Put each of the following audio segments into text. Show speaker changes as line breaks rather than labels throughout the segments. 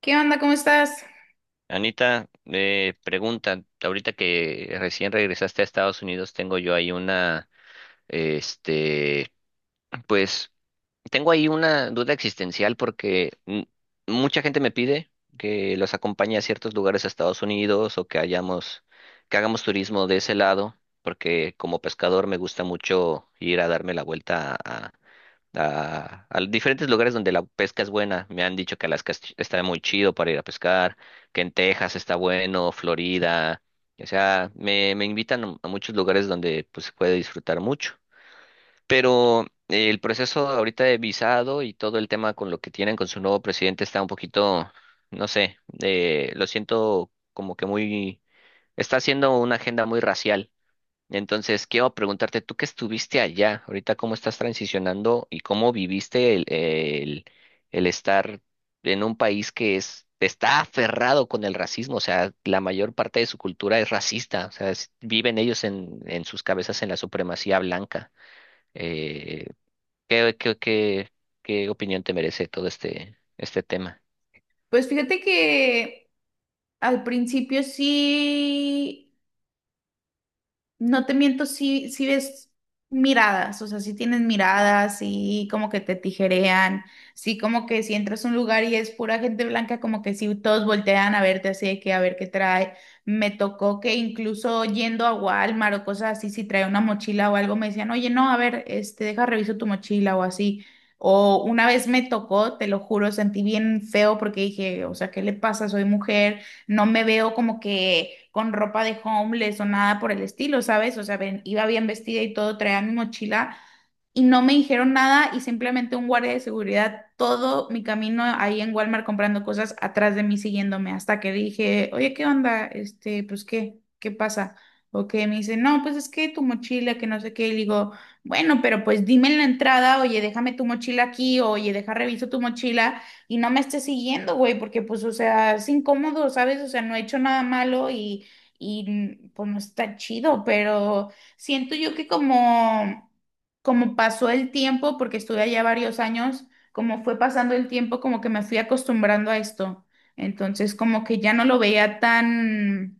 ¿Qué onda? ¿Cómo estás?
Anita, pregunta, ahorita que recién regresaste a Estados Unidos, este, pues, tengo ahí una duda existencial porque mucha gente me pide que los acompañe a ciertos lugares a Estados Unidos o que hagamos turismo de ese lado, porque como pescador me gusta mucho ir a darme la vuelta a diferentes lugares donde la pesca es buena. Me han dicho que Alaska está muy chido para ir a pescar, que en Texas está bueno, Florida. O sea, me invitan a muchos lugares donde pues, se puede disfrutar mucho. Pero el proceso ahorita de visado y todo el tema con lo que tienen con su nuevo presidente está un poquito, no sé, lo siento como que muy. Está haciendo una agenda muy racial. Entonces, quiero preguntarte, tú que estuviste allá, ahorita cómo estás transicionando y cómo viviste el estar en un país que está aferrado con el racismo, o sea, la mayor parte de su cultura es racista, o sea, viven ellos en sus cabezas en la supremacía blanca. Eh, ¿qué, qué, qué, qué opinión te merece todo este, este tema?
Pues fíjate que al principio sí. No te miento, si ves miradas, o sea, si tienes miradas, y como que te tijerean, sí, como que si entras a un lugar y es pura gente blanca, como que si todos voltean a verte así de que a ver qué trae. Me tocó que incluso yendo a Walmart o cosas así, si trae una mochila o algo, me decían, oye, no, a ver, este, deja reviso tu mochila o así. O una vez me tocó, te lo juro, sentí bien feo porque dije, o sea, ¿qué le pasa? Soy mujer, no me veo como que con ropa de homeless o nada por el estilo, ¿sabes? O sea, iba bien vestida y todo, traía mi mochila y no me dijeron nada y simplemente un guardia de seguridad todo mi camino ahí en Walmart comprando cosas atrás de mí siguiéndome hasta que dije, oye, ¿qué onda? Este, pues, ¿qué? ¿Qué pasa? O que me dice, no, pues es que tu mochila, que no sé qué, y le digo, bueno, pero pues dime en la entrada, oye, déjame tu mochila aquí, oye, deja reviso tu mochila y no me estés siguiendo, güey, porque pues, o sea, es incómodo, ¿sabes? O sea, no he hecho nada malo y pues no está chido, pero siento yo que como, como pasó el tiempo, porque estuve allá varios años, como fue pasando el tiempo, como que me fui acostumbrando a esto. Entonces, como que ya no lo veía tan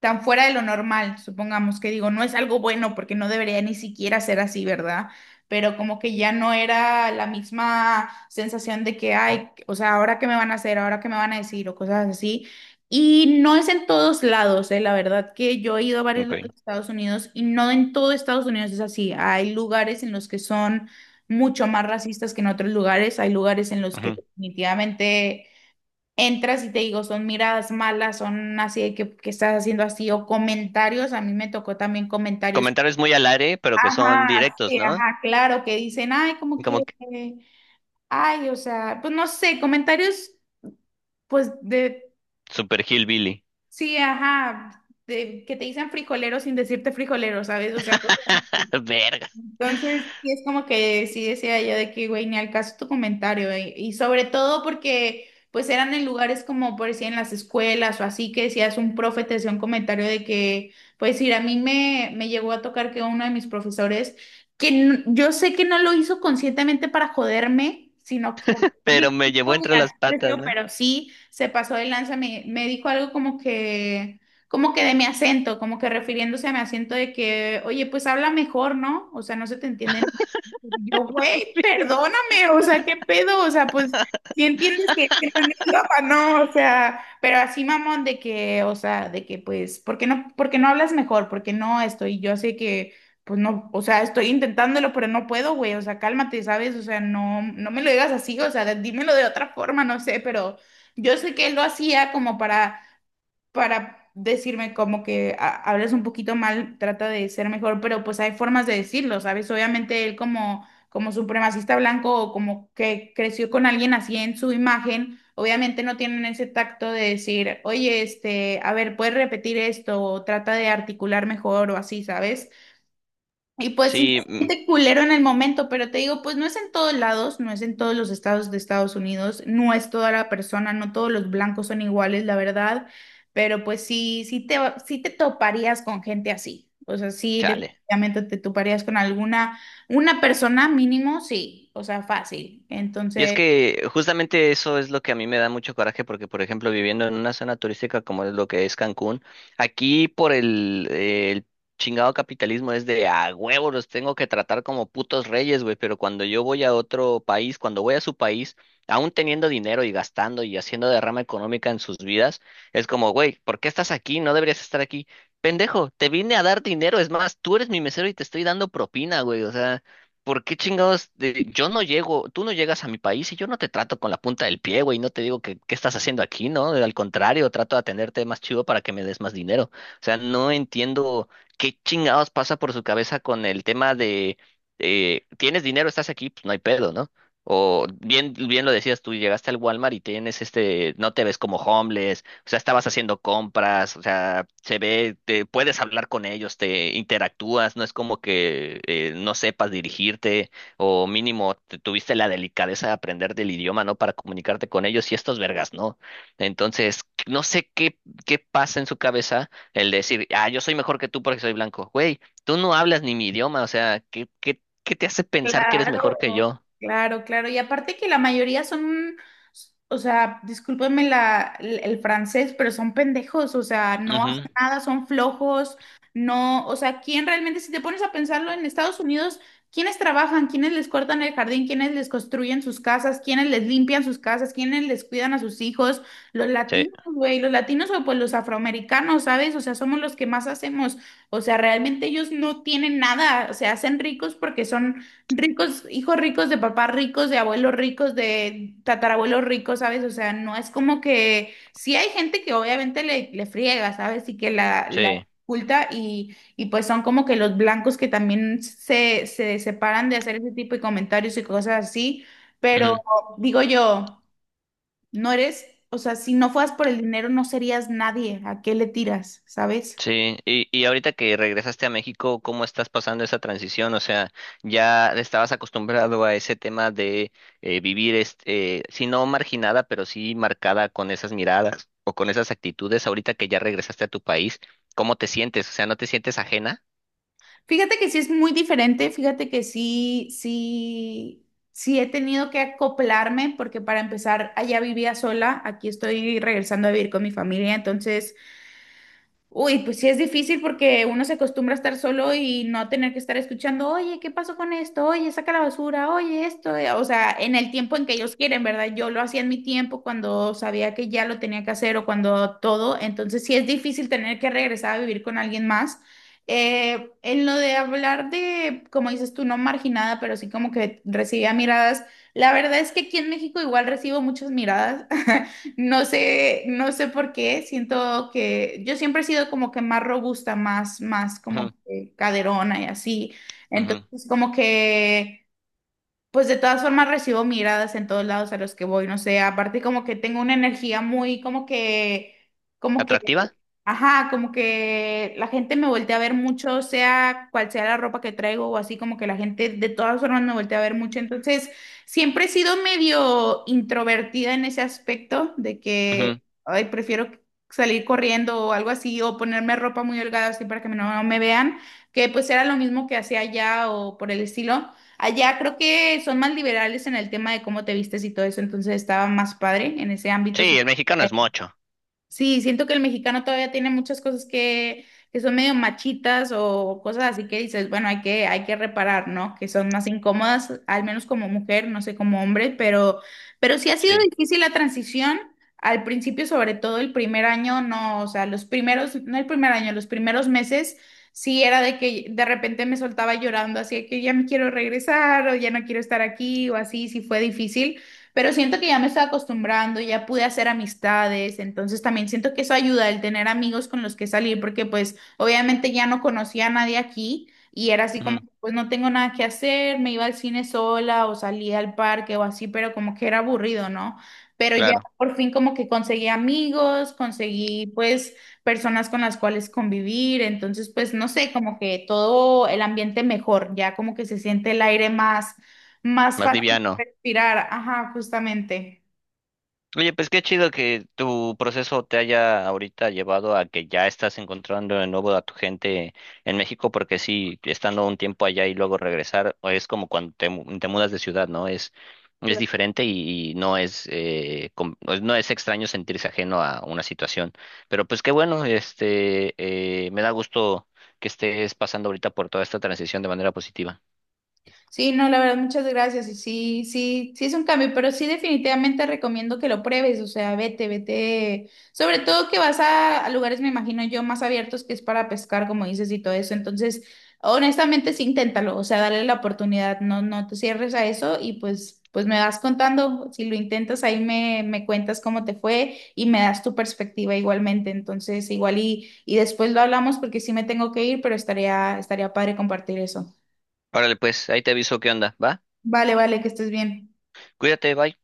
tan fuera de lo normal, supongamos que digo, no es algo bueno porque no debería ni siquiera ser así, ¿verdad? Pero como que ya no era la misma sensación de que, ay, o sea, ahora qué me van a hacer, ahora qué me van a decir o cosas así. Y no es en todos lados. La verdad que yo he ido a varios lados
Okay.
de Estados Unidos y no en todo Estados Unidos es así. Hay lugares en los que son mucho más racistas que en otros lugares, hay lugares en los que
Ujú.
definitivamente entras y te digo, son miradas malas, son así de que estás haciendo así, o comentarios, a mí me tocó también comentarios,
Comentarios muy al aire, pero que son
ajá,
directos,
sí,
¿no?
ajá, claro, que dicen, ay, como que,
Como que
eh, ay, o sea, pues no sé, comentarios, pues de,
super hillbilly.
sí, ajá, de, que te dicen frijolero sin decirte frijolero, ¿sabes? O sea,
Verga.
entonces, sí es como que sí decía yo de que, güey, ni al caso tu comentario, güey. Y sobre todo porque, pues, eran en lugares como, por decir, en las escuelas o así, que decías un profe, te hacía un comentario de que, pues, ir a mí me llegó a tocar que uno de mis profesores, que yo sé que no lo hizo conscientemente para joderme, sino por...
Pero me llevó entre las
creció,
patas, ¿no?
pero sí se pasó de lanza, me dijo algo como que de mi acento, como que refiriéndose a mi acento de que, oye, pues habla mejor, ¿no? O sea, no se te entiende. Yo, güey, perdóname, o sea, ¿qué pedo? O sea, pues, si entiendes que no es mi idioma, ¿no? O sea, pero así, mamón, de que, o sea, de que, pues, por qué no hablas mejor? ¿Por qué no estoy? Yo sé que, pues, no, o sea, estoy intentándolo, pero no puedo, güey, o sea, cálmate, ¿sabes? O sea, no, no me lo digas así, o sea, dímelo de otra forma, no sé, pero yo sé que él lo hacía como para decirme como que hablas un poquito mal, trata de ser mejor, pero pues hay formas de decirlo, ¿sabes? Obviamente él como, como supremacista blanco o como que creció con alguien así en su imagen, obviamente no tienen ese tacto de decir, oye, este, a ver, puedes repetir esto o trata de articular mejor o así, ¿sabes? Y pues sí se
Sí, mm,
siente culero en el momento, pero te digo, pues no es en todos lados, no es en todos los estados de Estados Unidos, no es toda la persona, no todos los blancos son iguales, la verdad, pero pues sí, sí te toparías con gente así, o sea, sí
chale.
definitivamente te toparías con alguna, una persona mínimo, sí, o sea, fácil.
Y es
Entonces,
que justamente eso es lo que a mí me da mucho coraje porque, por ejemplo, viviendo en una zona turística como es lo que es Cancún, aquí por el chingado capitalismo es de a huevo, los tengo que tratar como putos reyes, güey, pero cuando yo voy a otro país, cuando voy a su país, aún teniendo dinero y gastando y haciendo derrama económica en sus vidas, es como, güey, ¿por qué estás aquí? No deberías estar aquí. Pendejo, te vine a dar dinero, es más, tú eres mi mesero y te estoy dando propina, güey, o sea... ¿Por qué chingados? Yo no llego, tú no llegas a mi país y yo no te trato con la punta del pie, güey, no te digo que qué estás haciendo aquí, ¿no? Al contrario, trato de atenderte más chido para que me des más dinero. O sea, no entiendo qué chingados pasa por su cabeza con el tema de, tienes dinero, estás aquí, pues no hay pedo, ¿no? O bien, bien lo decías tú, llegaste al Walmart y tienes este, no te ves como homeless, o sea, estabas haciendo compras, o sea, se ve, te puedes hablar con ellos, te interactúas, no es como que no sepas dirigirte o mínimo te tuviste la delicadeza de aprender del idioma, ¿no? Para comunicarte con ellos y estos vergas, ¿no? Entonces, no sé qué pasa en su cabeza el decir, ah, yo soy mejor que tú porque soy blanco. Güey, tú no hablas ni mi idioma, o sea, ¿Qué te hace pensar que eres mejor
claro,
que yo?
claro, claro. Y aparte que la mayoría son, o sea, discúlpenme el francés, pero son pendejos, o sea, no
Ujú.
hacen nada, son flojos, no, o sea, ¿quién realmente, si te pones a pensarlo en Estados Unidos, quiénes trabajan, quiénes les cortan el jardín, quiénes les construyen sus casas, quiénes les limpian sus casas, quiénes les cuidan a sus hijos? Los
Sí,
latinos, güey, los latinos o pues los afroamericanos, ¿sabes? O sea, somos los que más hacemos, o sea, realmente ellos no tienen nada, se hacen ricos porque son ricos, hijos ricos de papás ricos, de abuelos ricos, de tatarabuelos ricos, ¿sabes? O sea, no es como que sí hay gente que obviamente le friega, ¿sabes? Y que la
sí.
oculta y pues son como que los blancos que también se separan de hacer ese tipo de comentarios y cosas así, pero digo yo, no eres, o sea, si no fueras por el dinero no serías nadie, ¿a qué le tiras, ¿sabes?
Sí, y ahorita que regresaste a México, ¿cómo estás pasando esa transición? O sea, ya estabas acostumbrado a ese tema de vivir, si no marginada, pero sí marcada con esas miradas o con esas actitudes. Ahorita que ya regresaste a tu país, ¿cómo te sientes? O sea, ¿no te sientes ajena?
Fíjate que sí es muy diferente, fíjate que sí, sí, sí he tenido que acoplarme porque para empezar allá vivía sola, aquí estoy regresando a vivir con mi familia, entonces uy, pues sí es difícil porque uno se acostumbra a estar solo y no tener que estar escuchando, oye, ¿qué pasó con esto? Oye, saca la basura, oye, esto. O sea, en el tiempo en que ellos quieren, ¿verdad? Yo lo hacía en mi tiempo cuando sabía que ya lo tenía que hacer o cuando todo. Entonces sí es difícil tener que regresar a vivir con alguien más. En lo de hablar de, como dices tú, no marginada, pero sí como que recibía miradas. La verdad es que aquí en México igual recibo muchas miradas. No sé, no sé por qué, siento que yo siempre he sido como que más robusta, más, más
Ujú,
como que caderona y así.
ujú.
Entonces, como que pues de todas formas recibo miradas en todos lados a los que voy, no sé, aparte como que tengo una energía muy como que,
¿Atractiva?
ajá, como que la gente me voltea a ver mucho, sea cual sea la ropa que traigo o así, como que la gente de todas formas me voltea a ver mucho, entonces siempre he sido medio introvertida en ese aspecto de
Ujú.
que, ay, prefiero salir corriendo o algo así, o ponerme ropa muy holgada así para que no me vean, que pues era lo mismo que hacía allá o por el estilo. Allá creo que son más liberales en el tema de cómo te vistes y todo eso, entonces estaba más padre en ese ámbito.
Sí,
Sí.
el mexicano es mocho.
Sí, siento que el mexicano todavía tiene muchas cosas que son medio machitas o cosas así que dices, bueno, hay que reparar, ¿no? Que son más incómodas, al menos como mujer, no sé, como hombre, pero sí ha sido
Sí,
difícil la transición. Al principio, sobre todo el primer año, no, o sea, los primeros, no el primer año, los primeros meses, sí era de que de repente me soltaba llorando, así de que ya me quiero regresar o ya no quiero estar aquí o así, sí fue difícil. Pero siento que ya me estaba acostumbrando, ya pude hacer amistades, entonces también siento que eso ayuda el tener amigos con los que salir, porque pues obviamente ya no conocía a nadie aquí y era así como,
ujú,
pues no tengo nada que hacer, me iba al cine sola o salía al parque o así, pero como que era aburrido, ¿no? Pero ya
claro,
por fin como que conseguí amigos, conseguí pues personas con las cuales convivir, entonces pues no sé, como que todo el ambiente mejor, ya como que se siente el aire más más
más
fácil
liviano.
respirar, ajá, justamente.
Oye, pues qué chido que tu proceso te haya ahorita llevado a que ya estás encontrando de nuevo a tu gente en México, porque sí, estando un tiempo allá y luego regresar, o es como cuando te mudas de ciudad, ¿no? Es diferente y no es, pues, no es extraño sentirse ajeno a una situación. Pero pues qué bueno, me da gusto que estés pasando ahorita por toda esta transición de manera positiva.
Sí, no, la verdad, muchas gracias. Y sí, sí, sí es un cambio, pero sí definitivamente recomiendo que lo pruebes. O sea, vete, vete. Sobre todo que vas a lugares, me imagino yo, más abiertos que es para pescar, como dices, y todo eso. Entonces, honestamente, sí, inténtalo. O sea, dale la oportunidad. No, no te cierres a eso y pues, pues me vas contando. Si lo intentas, ahí me cuentas cómo te fue y me das tu perspectiva igualmente. Entonces, igual y después lo hablamos porque sí me tengo que ir, pero estaría, estaría padre compartir eso.
Órale, pues, ahí te aviso qué onda, ¿va?
Vale, vale, que estés bien.
Cuídate, bye.